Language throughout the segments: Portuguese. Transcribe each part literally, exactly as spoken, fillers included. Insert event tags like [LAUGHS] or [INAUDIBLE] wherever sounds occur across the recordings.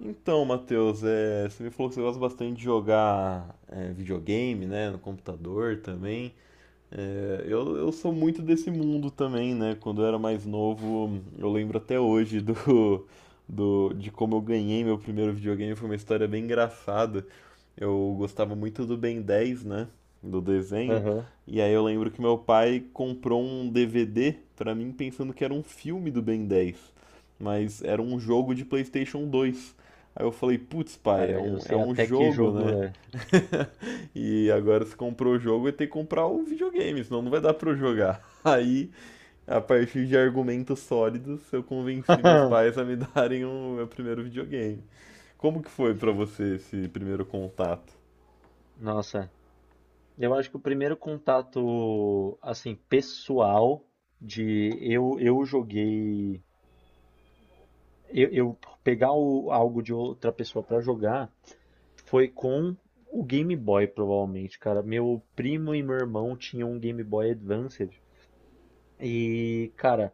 Então, Matheus, é, você me falou que você gosta bastante de jogar é, videogame, né, no computador também. É, eu, eu sou muito desse mundo também, né? Quando eu era mais novo, eu lembro até hoje do, do, de como eu ganhei meu primeiro videogame. Foi uma história bem engraçada. Eu gostava muito do Ben dez, né? Do desenho. Aham. E aí eu lembro que meu pai comprou um D V D pra mim pensando que era um filme do Ben dez, mas era um jogo de PlayStation dois. Aí eu falei, putz, pai, é Cara, eu um, é sei um até que jogo, jogo né? é. [LAUGHS] E agora se comprou o jogo, eu tenho que comprar o videogame, senão não vai dar pra eu jogar. [LAUGHS] Aí, a partir de argumentos sólidos, eu convenci meus pais [LAUGHS] a me [LAUGHS] darem o meu primeiro videogame. Como que foi pra você esse primeiro contato? Nossa, eu acho que o primeiro contato, assim, pessoal de eu eu joguei, eu, eu pegar o- algo de outra pessoa pra jogar foi com o Game Boy, provavelmente, cara. Meu primo e meu irmão tinham um Game Boy Advance. E, cara,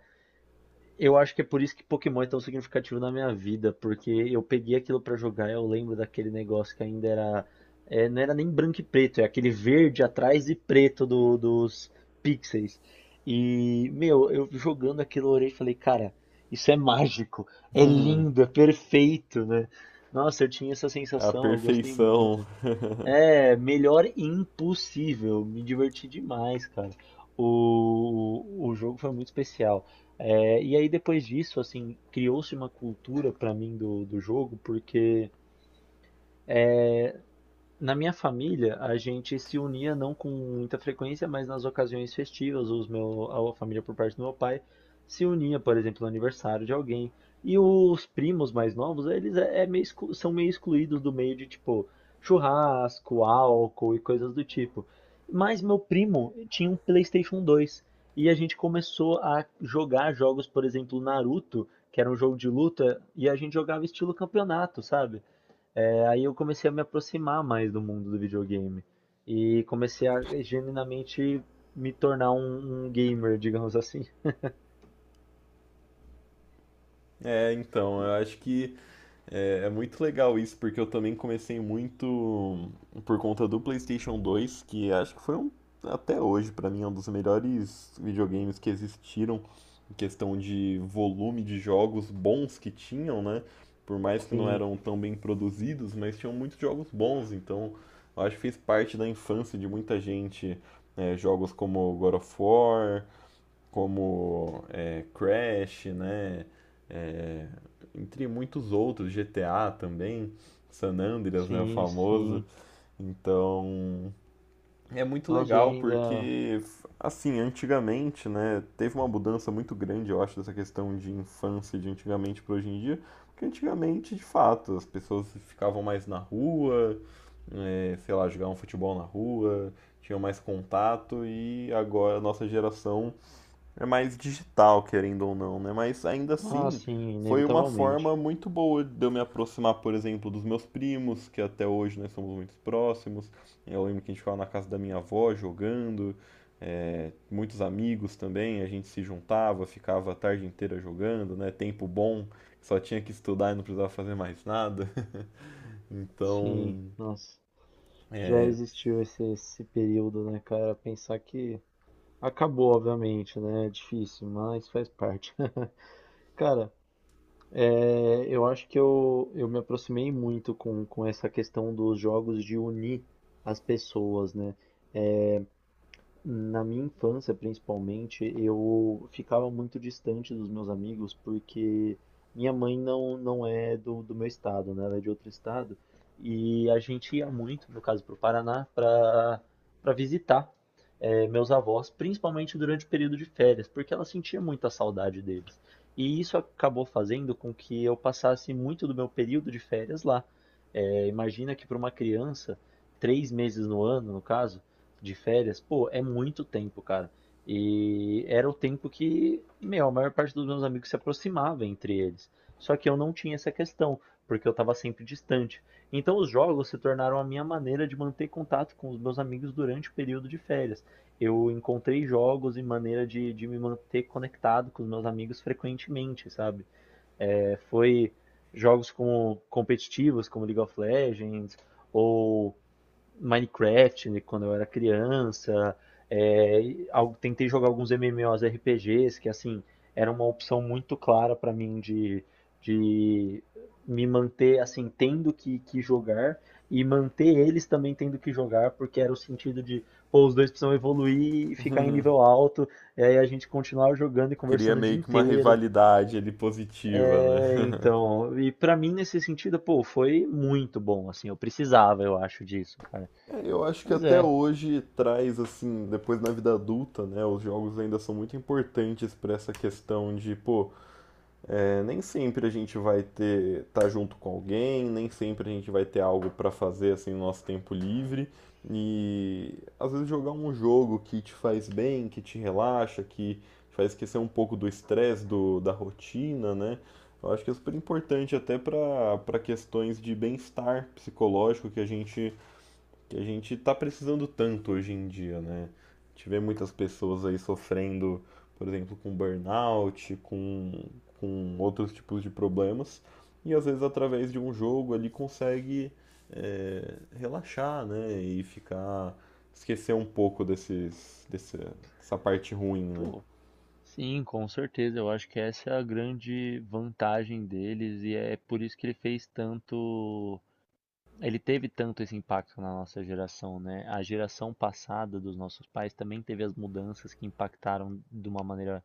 eu acho que é por isso que Pokémon é tão significativo na minha vida, porque eu peguei aquilo pra jogar. Eu lembro daquele negócio que ainda era, é, não era nem branco e preto, é aquele verde atrás e preto do- dos pixels. E, meu, eu jogando aquilo, eu orei e falei, cara, isso é mágico, é lindo, é perfeito, né? Nossa, eu tinha essa A sensação, eu gostei perfeição. muito. É, melhor impossível. Me diverti demais, cara. O, o jogo foi muito especial. É, e aí depois disso, assim, criou-se uma cultura pra mim do, do jogo, porque na minha família, a gente se unia não com muita frequência, mas nas ocasiões festivas, os meu, a família por parte do meu pai se unia, por exemplo, no aniversário de alguém. E os primos mais novos, eles é, é meio exclu- são meio excluídos do meio de tipo churrasco, álcool e coisas do tipo. Mas meu primo tinha um PlayStation dois e a gente começou a jogar jogos, por exemplo, Naruto, que era um jogo de luta, e a gente jogava estilo campeonato, sabe? É, aí eu comecei a me aproximar mais do mundo do videogame e comecei a genuinamente me tornar um, um gamer, digamos assim. É, então, eu acho que é, é muito legal isso, porque eu também comecei muito por conta do PlayStation dois, que acho que foi um, até hoje, pra mim, é um dos melhores videogames que existiram, em questão de volume de jogos bons que tinham, né? Por mais que não Sim, eram tão bem produzidos, mas tinham muitos jogos bons, então eu acho que fez parte da infância de muita gente. É, jogos como God of War, como é, Crash, né? É, Entre muitos outros, G T A também, San Andreas, né, o sim, famoso. sim. Então, é muito Nossa, e legal ainda. porque assim, antigamente, né, teve uma mudança muito grande, eu acho, dessa questão de infância de antigamente para hoje em dia, porque antigamente, de fato, as pessoas ficavam mais na rua, é, sei lá, jogavam futebol na rua, tinham mais contato e agora a nossa geração é mais digital, querendo ou não, né? Mas ainda Ah, assim, sim, foi uma forma inevitavelmente. muito boa de eu me aproximar, por exemplo, dos meus primos, que até hoje nós somos muito próximos. Eu lembro que a gente ficava na casa da minha avó jogando, é, muitos amigos também, a gente se juntava, ficava a tarde inteira jogando, né? Tempo bom, só tinha que estudar e não precisava fazer mais nada. [LAUGHS] Sim, Então, nossa. Já é, existiu esse, esse período, né, cara? Pensar que acabou, obviamente, né? É difícil, mas faz parte. [LAUGHS] Cara, é, eu acho que eu, eu me aproximei muito com, com essa questão dos jogos de unir as pessoas, né? Na minha infância, principalmente, eu ficava muito distante dos meus amigos porque minha mãe não, não é do, do meu estado, né? Ela é de outro estado. E a gente ia muito, no caso, para o Paraná, para para visitar eh, meus avós, principalmente durante o período de férias, porque ela sentia muita saudade deles. E isso acabou fazendo com que eu passasse muito do meu período de férias lá. Eh, imagina que para uma criança, três meses no ano, no caso de férias, pô, é muito tempo, cara. E era o tempo que, meu, a maior parte dos meus amigos se aproximava entre eles. Só que eu não tinha essa questão, porque eu estava sempre distante. Então os jogos se tornaram a minha maneira de manter contato com os meus amigos durante o período de férias. Eu encontrei jogos e maneira de, de me manter conectado com os meus amigos frequentemente, sabe? É, foi jogos como competitivos, como League of Legends, ou Minecraft, né, quando eu era criança, é, e al- tentei jogar alguns MMORPGs que assim era uma opção muito clara para mim de, de me manter assim tendo que, que jogar e manter eles também tendo que jogar porque era o sentido de pô, os dois precisam evoluir e ficar em nível alto e aí a gente continuar jogando e cria conversando o dia meio que uma inteiro. rivalidade ali positiva, né? É, [LAUGHS] então, e pra mim nesse sentido, pô, foi muito bom, assim, eu precisava, eu acho, disso, cara. É, eu acho que Mas até é. hoje traz, assim, depois na vida adulta, né? Os jogos ainda são muito importantes para essa questão de, pô, é, nem sempre a gente vai ter, tá junto com alguém, nem sempre a gente vai ter algo para fazer, assim, no nosso tempo livre. E às vezes jogar um jogo que te faz bem, que te relaxa, que te faz esquecer um pouco do estresse, do, da rotina, né? Eu acho que é super importante até para para questões de bem-estar psicológico que a gente que a gente está precisando tanto hoje em dia, né? A gente vê muitas pessoas aí sofrendo, por exemplo, com burnout, com, com outros tipos de problemas, e às vezes através de um jogo ele consegue é, relaxar, né? E ficar, esquecer um pouco desses, desse, dessa parte ruim, né? Pô, sim, com certeza. Eu acho que essa é a grande vantagem deles e é por isso que ele fez tanto. Ele teve tanto esse impacto na nossa geração, né? A geração passada dos nossos pais também teve as mudanças que impactaram de uma maneira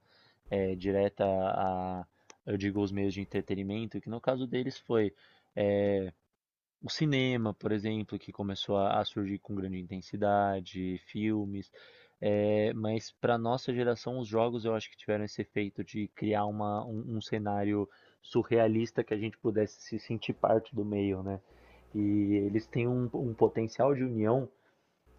eh, direta a, eu digo, os meios de entretenimento, que no caso deles foi eh, o cinema, por exemplo, que começou a a surgir com grande intensidade, filmes, eh, mas para nossa geração os jogos eu acho que tiveram esse efeito de criar uma um um cenário surrealista que a gente pudesse se sentir parte do meio, né. E eles têm um um potencial de união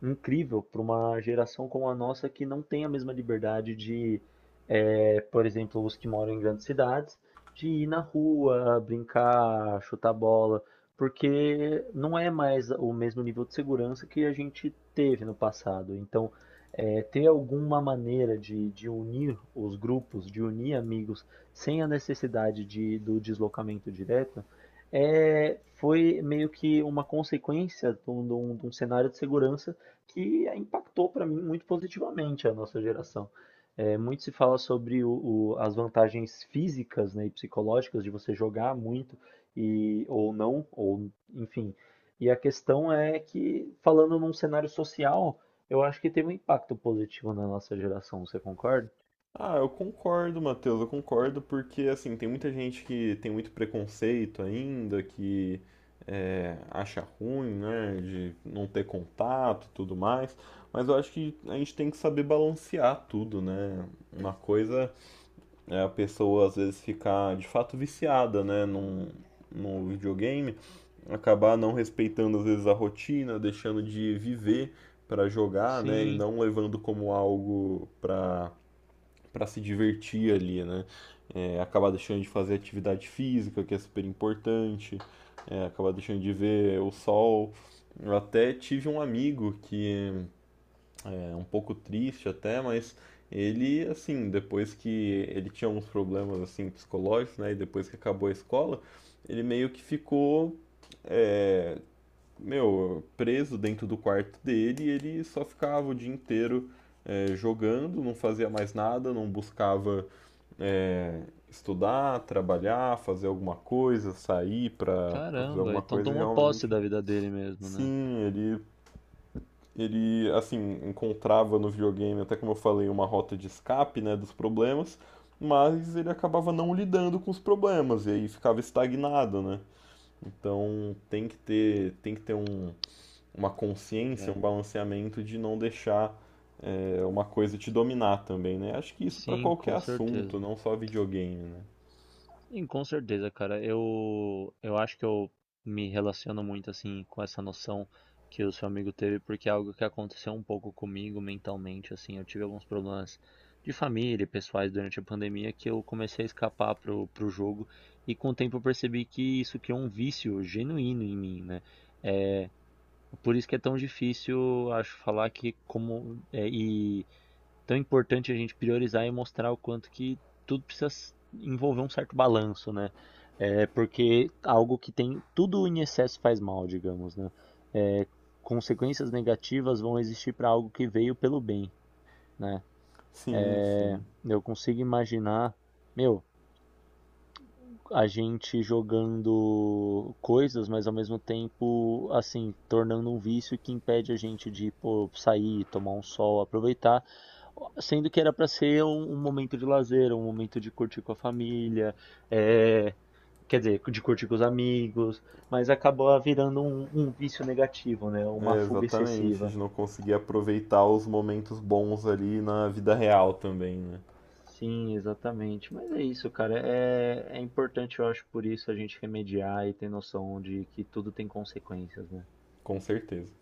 incrível para uma geração como a nossa que não tem a mesma liberdade de, eh, por exemplo, os que moram em grandes cidades, de ir na rua, brincar, chutar bola, porque não é mais o mesmo nível de segurança que a gente teve no passado. Então, eh, ter alguma maneira de, de unir os grupos, de unir amigos, sem a necessidade de, do deslocamento direto, eh, foi meio que uma consequência de um de um- de um cenário de segurança que impactou para mim muito positivamente a nossa geração. É, muito se fala sobre o- o- as vantagens físicas, né, e psicológicas de você jogar muito e ou não, ou enfim. E a questão é que, falando num cenário social, eu acho que teve um impacto positivo na nossa geração, você concorda? Ah, eu concordo, Matheus, eu concordo, porque assim, tem muita gente que tem muito preconceito ainda, que é, acha ruim, né, de não ter contato e tudo mais, mas eu acho que a gente tem que saber balancear tudo, né? Uma coisa é a pessoa às vezes ficar de fato viciada, né, num, no videogame, acabar não respeitando às vezes a rotina, deixando de viver para jogar, né, e Sim, não levando como algo para para se divertir ali, né? É, acabar deixando de fazer atividade física, que é super importante, é, acabar deixando de ver o sol. Eu até tive um amigo que é um pouco triste até, mas ele, assim, depois que ele tinha alguns problemas, assim, psicológicos, né? E depois que acabou a escola, ele meio que ficou, meu, preso dentro do quarto dele e ele só ficava o dia inteiro é, jogando, não fazia mais nada, não buscava é, estudar, trabalhar, fazer alguma coisa, sair para pra fazer caramba. alguma Então coisa, tomou posse realmente. da vida dele mesmo, né? Sim, ele, ele, assim, encontrava no videogame, até como eu falei, uma rota de escape, né, dos problemas, mas ele acabava não lidando com os problemas, e aí ficava estagnado, né? Então tem que ter, tem que ter um, uma consciência, É. um balanceamento de não deixar é, uma coisa te dominar também, né? Acho que isso para Sim, qualquer com assunto, certeza. não só videogame, né? Sim, com certeza, cara. Eu, eu acho que eu me relaciono muito assim com essa noção que o seu amigo teve, porque é algo que aconteceu um pouco comigo mentalmente, assim, eu tive alguns problemas de família e pessoais durante a pandemia que eu comecei a escapar pro, pro jogo e com o tempo eu percebi que isso criou um vício genuíno em mim, né? É, por isso que é tão difícil, acho, falar que como é, e tão importante a gente priorizar e mostrar o quanto que tudo precisa envolver um certo balanço, né? É porque algo que tem tudo em excesso faz mal, digamos, né? É, consequências negativas vão existir para algo que veio pelo bem, né? Sim, É, sim. eu consigo imaginar, meu, a gente jogando coisas, mas ao mesmo tempo, assim, tornando um vício que impede a gente de, pô, sair, tomar um sol, aproveitar, sendo que era para ser um, um momento de lazer, um momento de curtir com a família, é, quer dizer, de curtir com os amigos, mas acabou virando um, um vício negativo, né? Uma É, fuga exatamente, excessiva. de não conseguir aproveitar os momentos bons ali na vida real também, né? Sim, exatamente. Mas é isso, cara. É, é importante, eu acho, por isso a gente remediar e ter noção de que tudo tem consequências, né? Com certeza.